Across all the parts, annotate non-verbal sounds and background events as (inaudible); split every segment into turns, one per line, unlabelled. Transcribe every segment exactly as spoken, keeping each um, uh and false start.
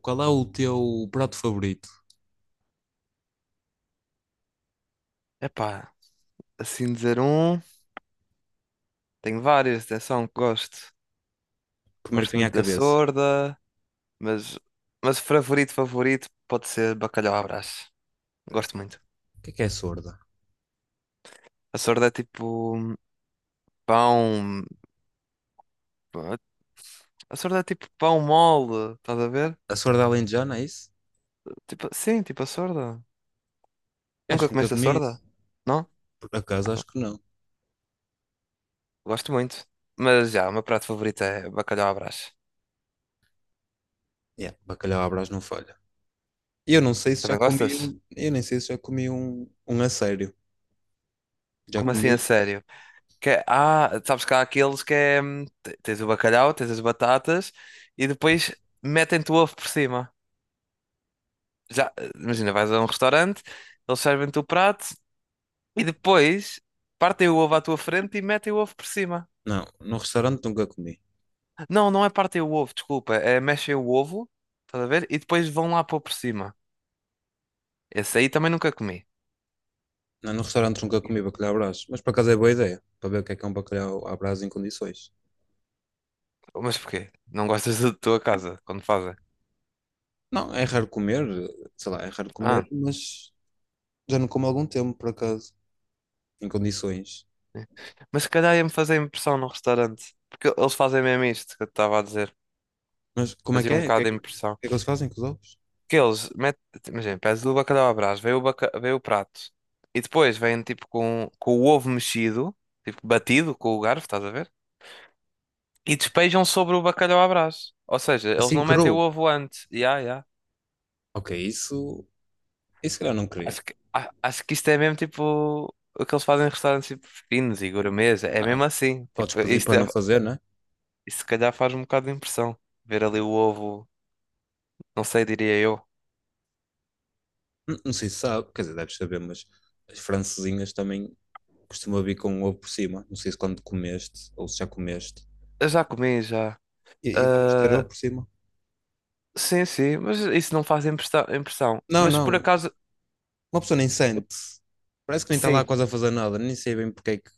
Qual é o teu prato favorito?
Epá, assim dizer um, tenho várias, atenção, que gosto.
Primeiro que
Gosto
vem à
muito da
cabeça.
Sorda, mas, mas o favorito, favorito pode ser bacalhau à Brás.
Peraí,
Gosto muito.
o que é que é sorda?
A Sorda é tipo pão. A Sorda é tipo pão mole, estás a ver?
A sorda alentejana, é isso?
Tipo, sim, tipo a Sorda.
Eu acho
Nunca
que nunca
comeste a
comi
Sorda?
isso.
Não?
Por acaso, acho que não.
Gosto muito. Mas já, o meu prato favorito é bacalhau à Brás.
Yeah, bacalhau à Brás não falha. Eu não sei se já
Também
comi
gostas?
um... Eu nem sei se já comi um, um a sério. Já
Como assim a
comi?
sério? Que é- ah, sabes que há aqueles que é. hum, te- Tens o bacalhau, tens as batatas e depois metem-te o ovo por cima. Já, eh, imagina, vais a um restaurante, eles servem-te o prato e depois partem o ovo à tua frente e metem o ovo por cima.
Não, no restaurante nunca comi.
Não, não é partem o ovo, desculpa, é mexem o ovo, estás a ver? E depois vão lá pôr por cima. Esse aí também nunca comi.
Não, no restaurante nunca comi bacalhau à Brás. Mas por acaso é boa ideia. Para ver o que é que é um bacalhau à Brás em condições.
Mas porquê? Não gostas da tua casa quando fazem?
Não, é raro comer. Sei lá, é raro comer,
Ah,
mas já não como há algum tempo, por acaso. Em condições.
é. Mas se calhar ia-me fazer impressão no restaurante. Porque eles fazem mesmo isto que eu te estava a dizer.
Mas como é que
Fazia um
é? O que é
bocado
que,
de
o que
impressão.
é que eles fazem com os ovos?
Porque eles metem, imagina, pedes o bacalhau à Brás, vem o, baca, vem o prato. E depois vêm tipo com, com o ovo mexido, tipo batido com o garfo, estás a ver? E despejam sobre o bacalhau à Brás. Ou seja, eles
Assim,
não metem o
cru.
ovo antes. Ya, ya.
Ok, isso. Isso se calhar não queria.
Acho que, a- acho que isto é mesmo tipo o que eles fazem em restaurantes tipo, finos e gourmets. É
Ah,
mesmo assim.
podes
Tipo,
pedir
isto,
para
é,
não fazer, não é?
isto se calhar faz um bocado de impressão. Ver ali o ovo, não sei, diria eu.
N- Não sei se sabe, quer dizer, deves saber, mas as francesinhas também costumam vir com ovo por cima. Não sei se quando comeste ou se já comeste.
Eu já comi, já.
E, e vamos ter ovo
Ah,
por cima.
sim, sim, mas isso não faz impressa- impressão.
Não,
Mas por
não.
acaso,
Uma pessoa nem sente. Parece que nem está lá
sim.
quase a fazer nada. Nem sei bem porque é que,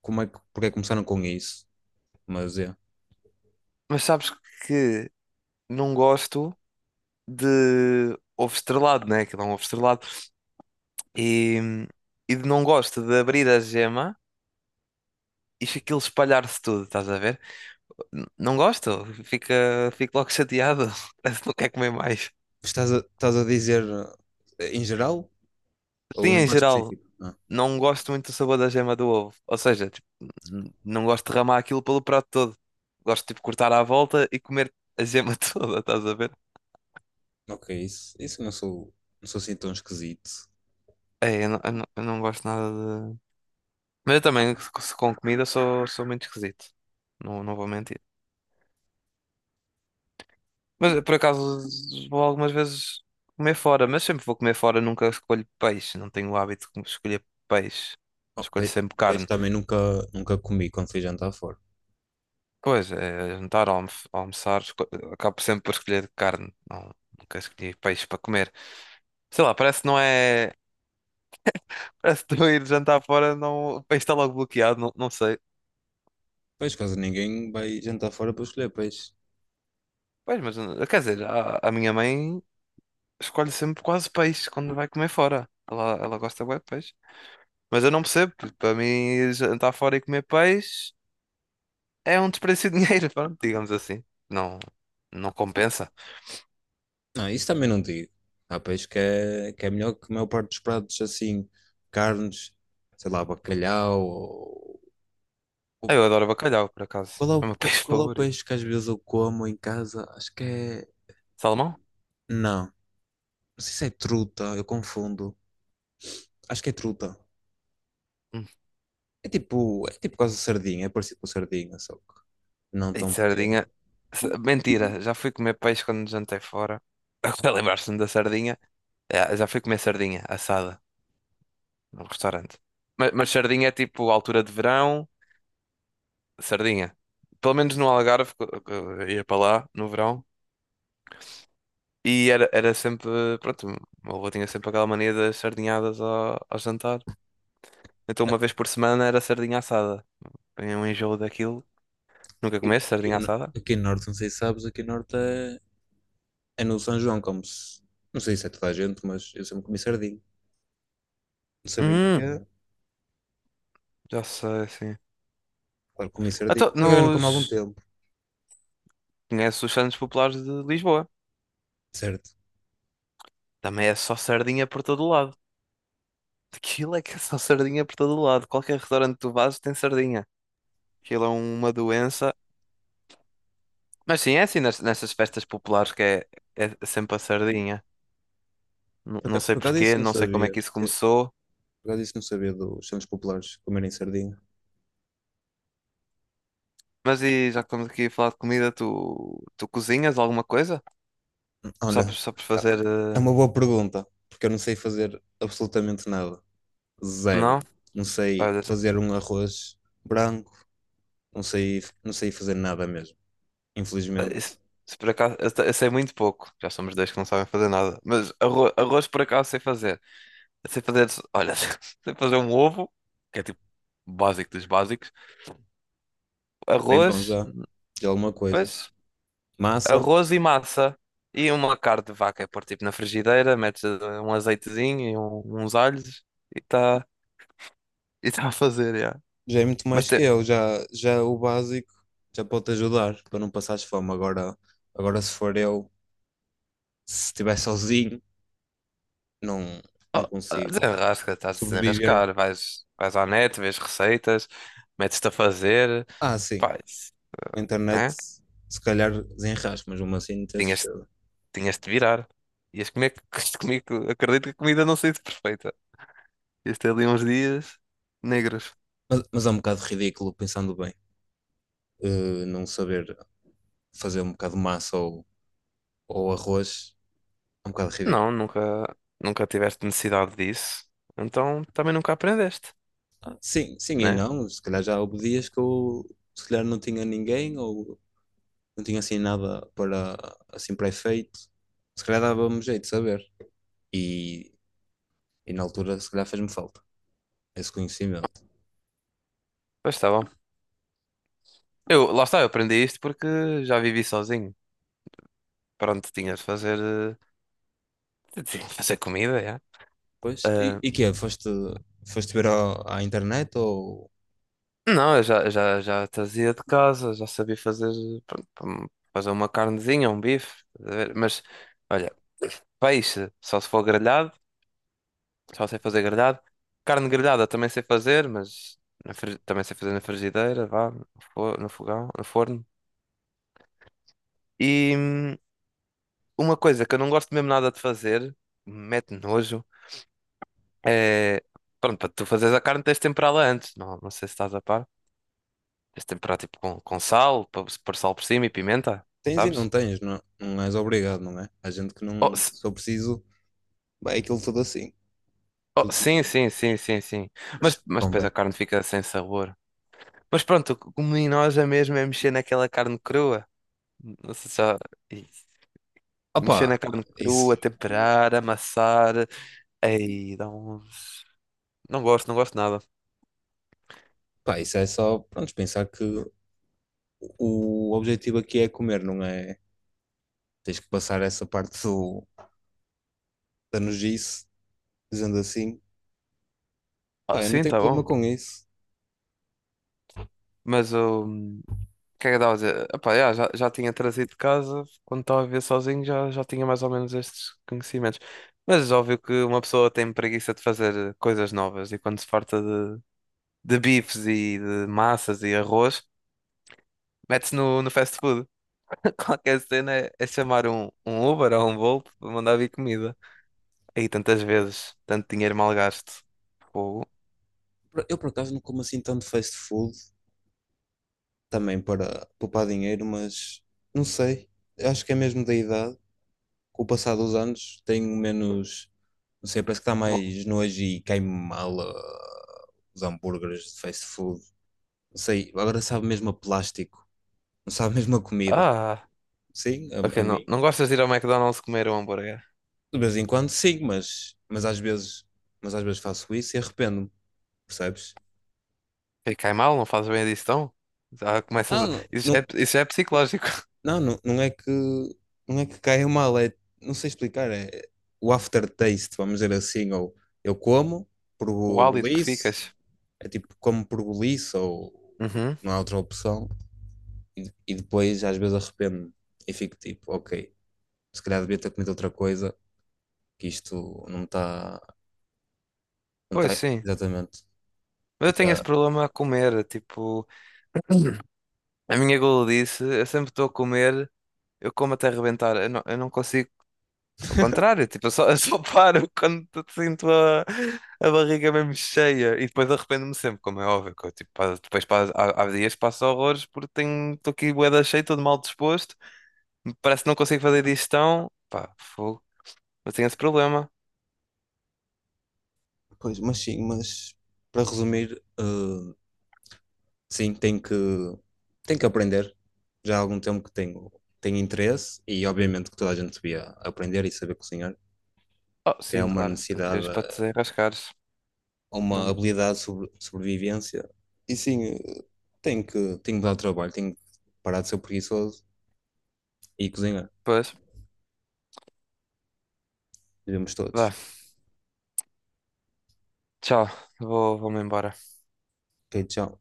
como é que, porque é que começaram com isso. Mas é.
Mas sabes que não gosto de ovo estrelado, né? Aquilo é um ovo estrelado. E, e não gosto de abrir a gema e aquilo espalhar-se tudo, estás a ver? N- Não gosto, fica, fico logo chateado. (laughs) Parece que não quer comer mais.
Estás a, estás a dizer eh, em geral ou
Sim,
num
em
prato
geral,
específico?
não gosto muito do sabor da gema do ovo. Ou seja, tipo, n- não gosto de derramar aquilo pelo prato todo. Gosto, tipo, cortar à volta e comer a gema (laughs) toda, estás a ver?
Ok, isso, isso eu não sou, não sou assim tão esquisito.
É, eu não, eu não, eu não gosto nada de. Mas eu também, se- com comida, sou, sou muito esquisito. Não, não vou mentir. Mas por acaso vou algumas vezes comer fora, mas sempre vou comer fora, nunca escolho peixe. Não tenho o hábito de escolher peixe.
Oh,
Escolho
pe-
sempre
peixe
carne.
também nunca, nunca comi quando fui jantar fora.
Pois, é, jantar, almo- almoçar, esco- acabo sempre por escolher carne. Não, nunca escolhi peixe para comer. Sei lá, parece que não é. (laughs) Parece que estou ir jantar fora, não... o peixe está logo bloqueado, não, não sei.
Peixe, quase ninguém vai jantar fora para escolher peixe.
Pois, mas eh, quer dizer, a, a minha mãe. Escolhe sempre quase peixe quando vai comer fora. Ela, ela gosta bué de peixe. Mas eu não percebo, porque para mim jantar fora e comer peixe é um desperdício de dinheiro, (laughs) pronto, digamos assim. Não, não compensa.
Não, isso também não digo. Há peixe que é, que é melhor que a maior parte dos pratos, assim, carnes, sei lá, bacalhau. ou-
Ah,
ou-
eu adoro bacalhau, por acaso.
Qual é o,
É o meu (laughs)
qual,
peixe
qual é o
favorito.
peixe que às vezes eu como em casa? Acho que é.
Salmão?
Não, não sei se é truta, eu confundo. Acho que é truta.
Hum.
É tipo, é tipo quase sardinha, é parecido com sardinha, só que não
E
tão pequeno.
sardinha? S- Mentira, já fui comer peixe quando jantei fora. (laughs) Agora lembrar-se-me da sardinha. É, já fui comer sardinha assada no restaurante. Mas, mas sardinha é tipo altura de verão. Sardinha. Pelo menos no Algarve, que eu- eu ia para lá no verão. E era, era sempre, pronto, o meu avô tinha sempre aquela mania das sardinhadas ao, ao jantar. Então uma vez por semana era sardinha assada. Tinha um enjoo daquilo. Nunca comeste
Aqui
sardinha
no,
assada?
aqui no Norte, não sei se sabes, aqui no Norte é, é no São João, como se. Não sei se é toda a gente, mas eu sempre comi sardinha. Não sabia
Hum,
porquê.
já sei, sim.
Claro, comi sardinha.
Então,
Por acaso eu não como há algum
nos...
tempo,
Conheces os Santos Populares de Lisboa?
certo?
Também é só sardinha por todo o lado. Aquilo é que é só sardinha por todo o lado. Qualquer restaurante que tu vás tem sardinha. Aquilo é uma doença. Mas sim, é assim nas- nessas festas populares que é, é sempre a sardinha. N-
Por
Não
acaso,
sei
por acaso isso
porquê,
não
não sei como é
sabia.
que isso
que-
começou.
Por acaso isso não sabia dos santos populares comerem sardinha.
Mas e já que estamos aqui a falar de comida, tu, tu cozinhas alguma coisa?
Olha,
Sabes, sabes
ah,
fazer.
é
eh,
uma boa pergunta, porque eu não sei fazer absolutamente nada.
Não?
Zero. Não sei
Olha, se,
fazer um arroz branco, não sei, não sei fazer nada mesmo,
eh, se-
infelizmente.
se por acaso. Eu, te- eu sei muito pouco. Já somos dois que não sabem fazer nada. Mas arroz, arroz por acaso sei fazer. Eu sei fazer. Olha, (laughs) sei fazer um ovo, que é tipo básico dos básicos.
Bem bom
Arroz,
já, de alguma coisa.
pois.
Massa,
Arroz e massa e uma carne de vaca. É pôr tipo na frigideira, metes eh, um azeitezinho e um- uns alhos e está e tá a fazer, já.
já é muito
Mas
mais que
te...
eu, já, já é o básico, já pode te ajudar para não passares fome. Agora, agora se for eu, se estiver sozinho, não, não
oh, ah,
consigo
desenrasca, estás a
sobreviver.
desenrascar. Vais, vais à net, vês receitas, metes-te a fazer,
Ah, sim,
faz,
a internet
né?
se calhar desenrasca, mas mesmo assim não tenho
Tinhas,
certeza.
Tinhas de virar. Ias comer, (laughs) comigo, acredito que a comida não seja perfeita. Ias ter ali uns dias negros.
Mas, mas é um bocado ridículo, pensando bem, eh, não saber fazer um bocado de massa ou, ou arroz, é um bocado
Não,
ridículo.
nunca, Nunca tiveste necessidade disso. Então também nunca aprendeste,
Ah, sim, sim e
né?
não. Se calhar já houve dias que eu se calhar não tinha ninguém ou não tinha assim nada para assim para efeito. Se calhar dava-me jeito de saber. E, e na altura se calhar fez-me falta esse conhecimento.
Pois tá. Eu, lá está, eu aprendi isto porque já vivi sozinho. Pronto, tinha de fazer, eh, tinha de fazer comida, já.
Pois, e,
Ah,
e que é? Foste, foste ver ao- à internet ou
não, eu já, já, já trazia de casa, já sabia fazer, pronto, hum, fazer uma carnezinha, um bife, estás a ver? Mas olha, peixe, só se for grelhado, só sei fazer grelhado. Carne grelhada também sei fazer, mas na fri- também sei fazer na frigideira, vá, no fo- no fogão, no forno. E hum, uma coisa que eu não gosto mesmo nada de fazer, mete nojo. É, pronto, para tu fazeres a carne tens de temperá-la antes, não, não sei se estás a par. Tens de temperar tipo com, com sal, para pôr sal por cima e pimenta,
tens e não
sabes?
tens, não, não és obrigado, não é? Há gente que
Oh,
não,
se-
se eu preciso, vai aquilo tudo assim.
oh,
Tudo sim.
sim, sim, sim, sim, sim.
Mas
Mas, mas depois a
convém.
carne fica sem sabor. Mas pronto, o que me enoja mesmo é mexer naquela carne crua. Não sei se já... Ih, mexer
Opa,
na carne
isso,
crua, temperar, amassar. Ei, dá um... Não gosto, não gosto nada.
pá, isso é só, pronto, pensar que o objetivo aqui é comer, não é? Tens que passar essa parte do, da nojice, dizendo assim.
Ah,
Pá, eu não
sim,
tenho
tá
problema
bom.
com isso.
Mas o O que é que eu estava a dizer? Epá, yeah, já, já tinha trazido de casa, quando estava a viver sozinho já, já tinha mais ou menos estes conhecimentos. Mas é óbvio que uma pessoa tem preguiça de fazer eh, coisas novas e quando se farta de, de bifes e de massas e arroz, mete-se no, no fast food. (laughs) Qualquer cena é, é chamar um, um Uber ou um Bolt para mandar vir comida. Aí tantas vezes, tanto dinheiro mal gasto. Fogo.
Eu, por acaso, não como assim tanto fast food, também para poupar dinheiro, mas não sei. Acho que é mesmo da idade. Com o passar dos anos, tenho menos. Não sei, parece que está
Vou-
mais nojo e cai-me mal ah, os hambúrgueres de fast food. Não sei, agora sabe mesmo a plástico, não sabe mesmo a comida.
ah,
Sim, a, a
ok, não,
mim.
não gostas de ir ao McDonald's comer um hambúrguer?
De vez em quando sim, mas, mas às vezes, mas às vezes faço isso e arrependo-me, percebes?
Ele cai mal, não faz bem a digestão? Já começas
Ah,
a... isso, já
não,
é, isso já é psicológico. (laughs)
não, não, não é que não é que caia mal, é, não sei explicar, é o aftertaste, vamos dizer assim, ou eu como por
O hálito que
golice,
ficas.
é tipo como por golice ou por-
Uhum.
não há outra opção e, e depois às vezes arrependo-me e fico tipo, ok, se calhar devia ter comido outra coisa, que isto não está, não
Pois
está
sim.
exatamente,
Mas eu tenho esse
fica.
problema a comer. Tipo, a minha gula eu sempre estou a comer, eu como até arrebentar. Eu não, eu não consigo. Ao contrário, tipo, eu só, (laughs) eu só paro quando t- sinto a, a barriga mesmo cheia. E depois arrependo-me sempre, como é óbvio. Que eu, tipo, pa- depois pa- há, há dias que passo horrores porque tenho, estou aqui bué da cheio, todo mal disposto. Parece que não consigo fazer digestão. Pá, fogo. Mas tem esse problema.
Pois, mas sim, mas para resumir, eh, sim, tenho que, tenho que aprender. Já há algum tempo que tenho, tenho interesse e obviamente que toda a gente devia aprender e saber cozinhar,
Oh,
que é
sim,
uma
claro. Não
necessidade,
precisas para te
eh,
desenrascares.
uma
Não...
habilidade de sobre, sobrevivência. E sim, eh, tenho que, tenho que dar trabalho, tenho que parar de ser preguiçoso e cozinhar.
Pois.
Devemos
Vá,
todos.
tchau. Vou, vou-me embora.
Ok, tchau.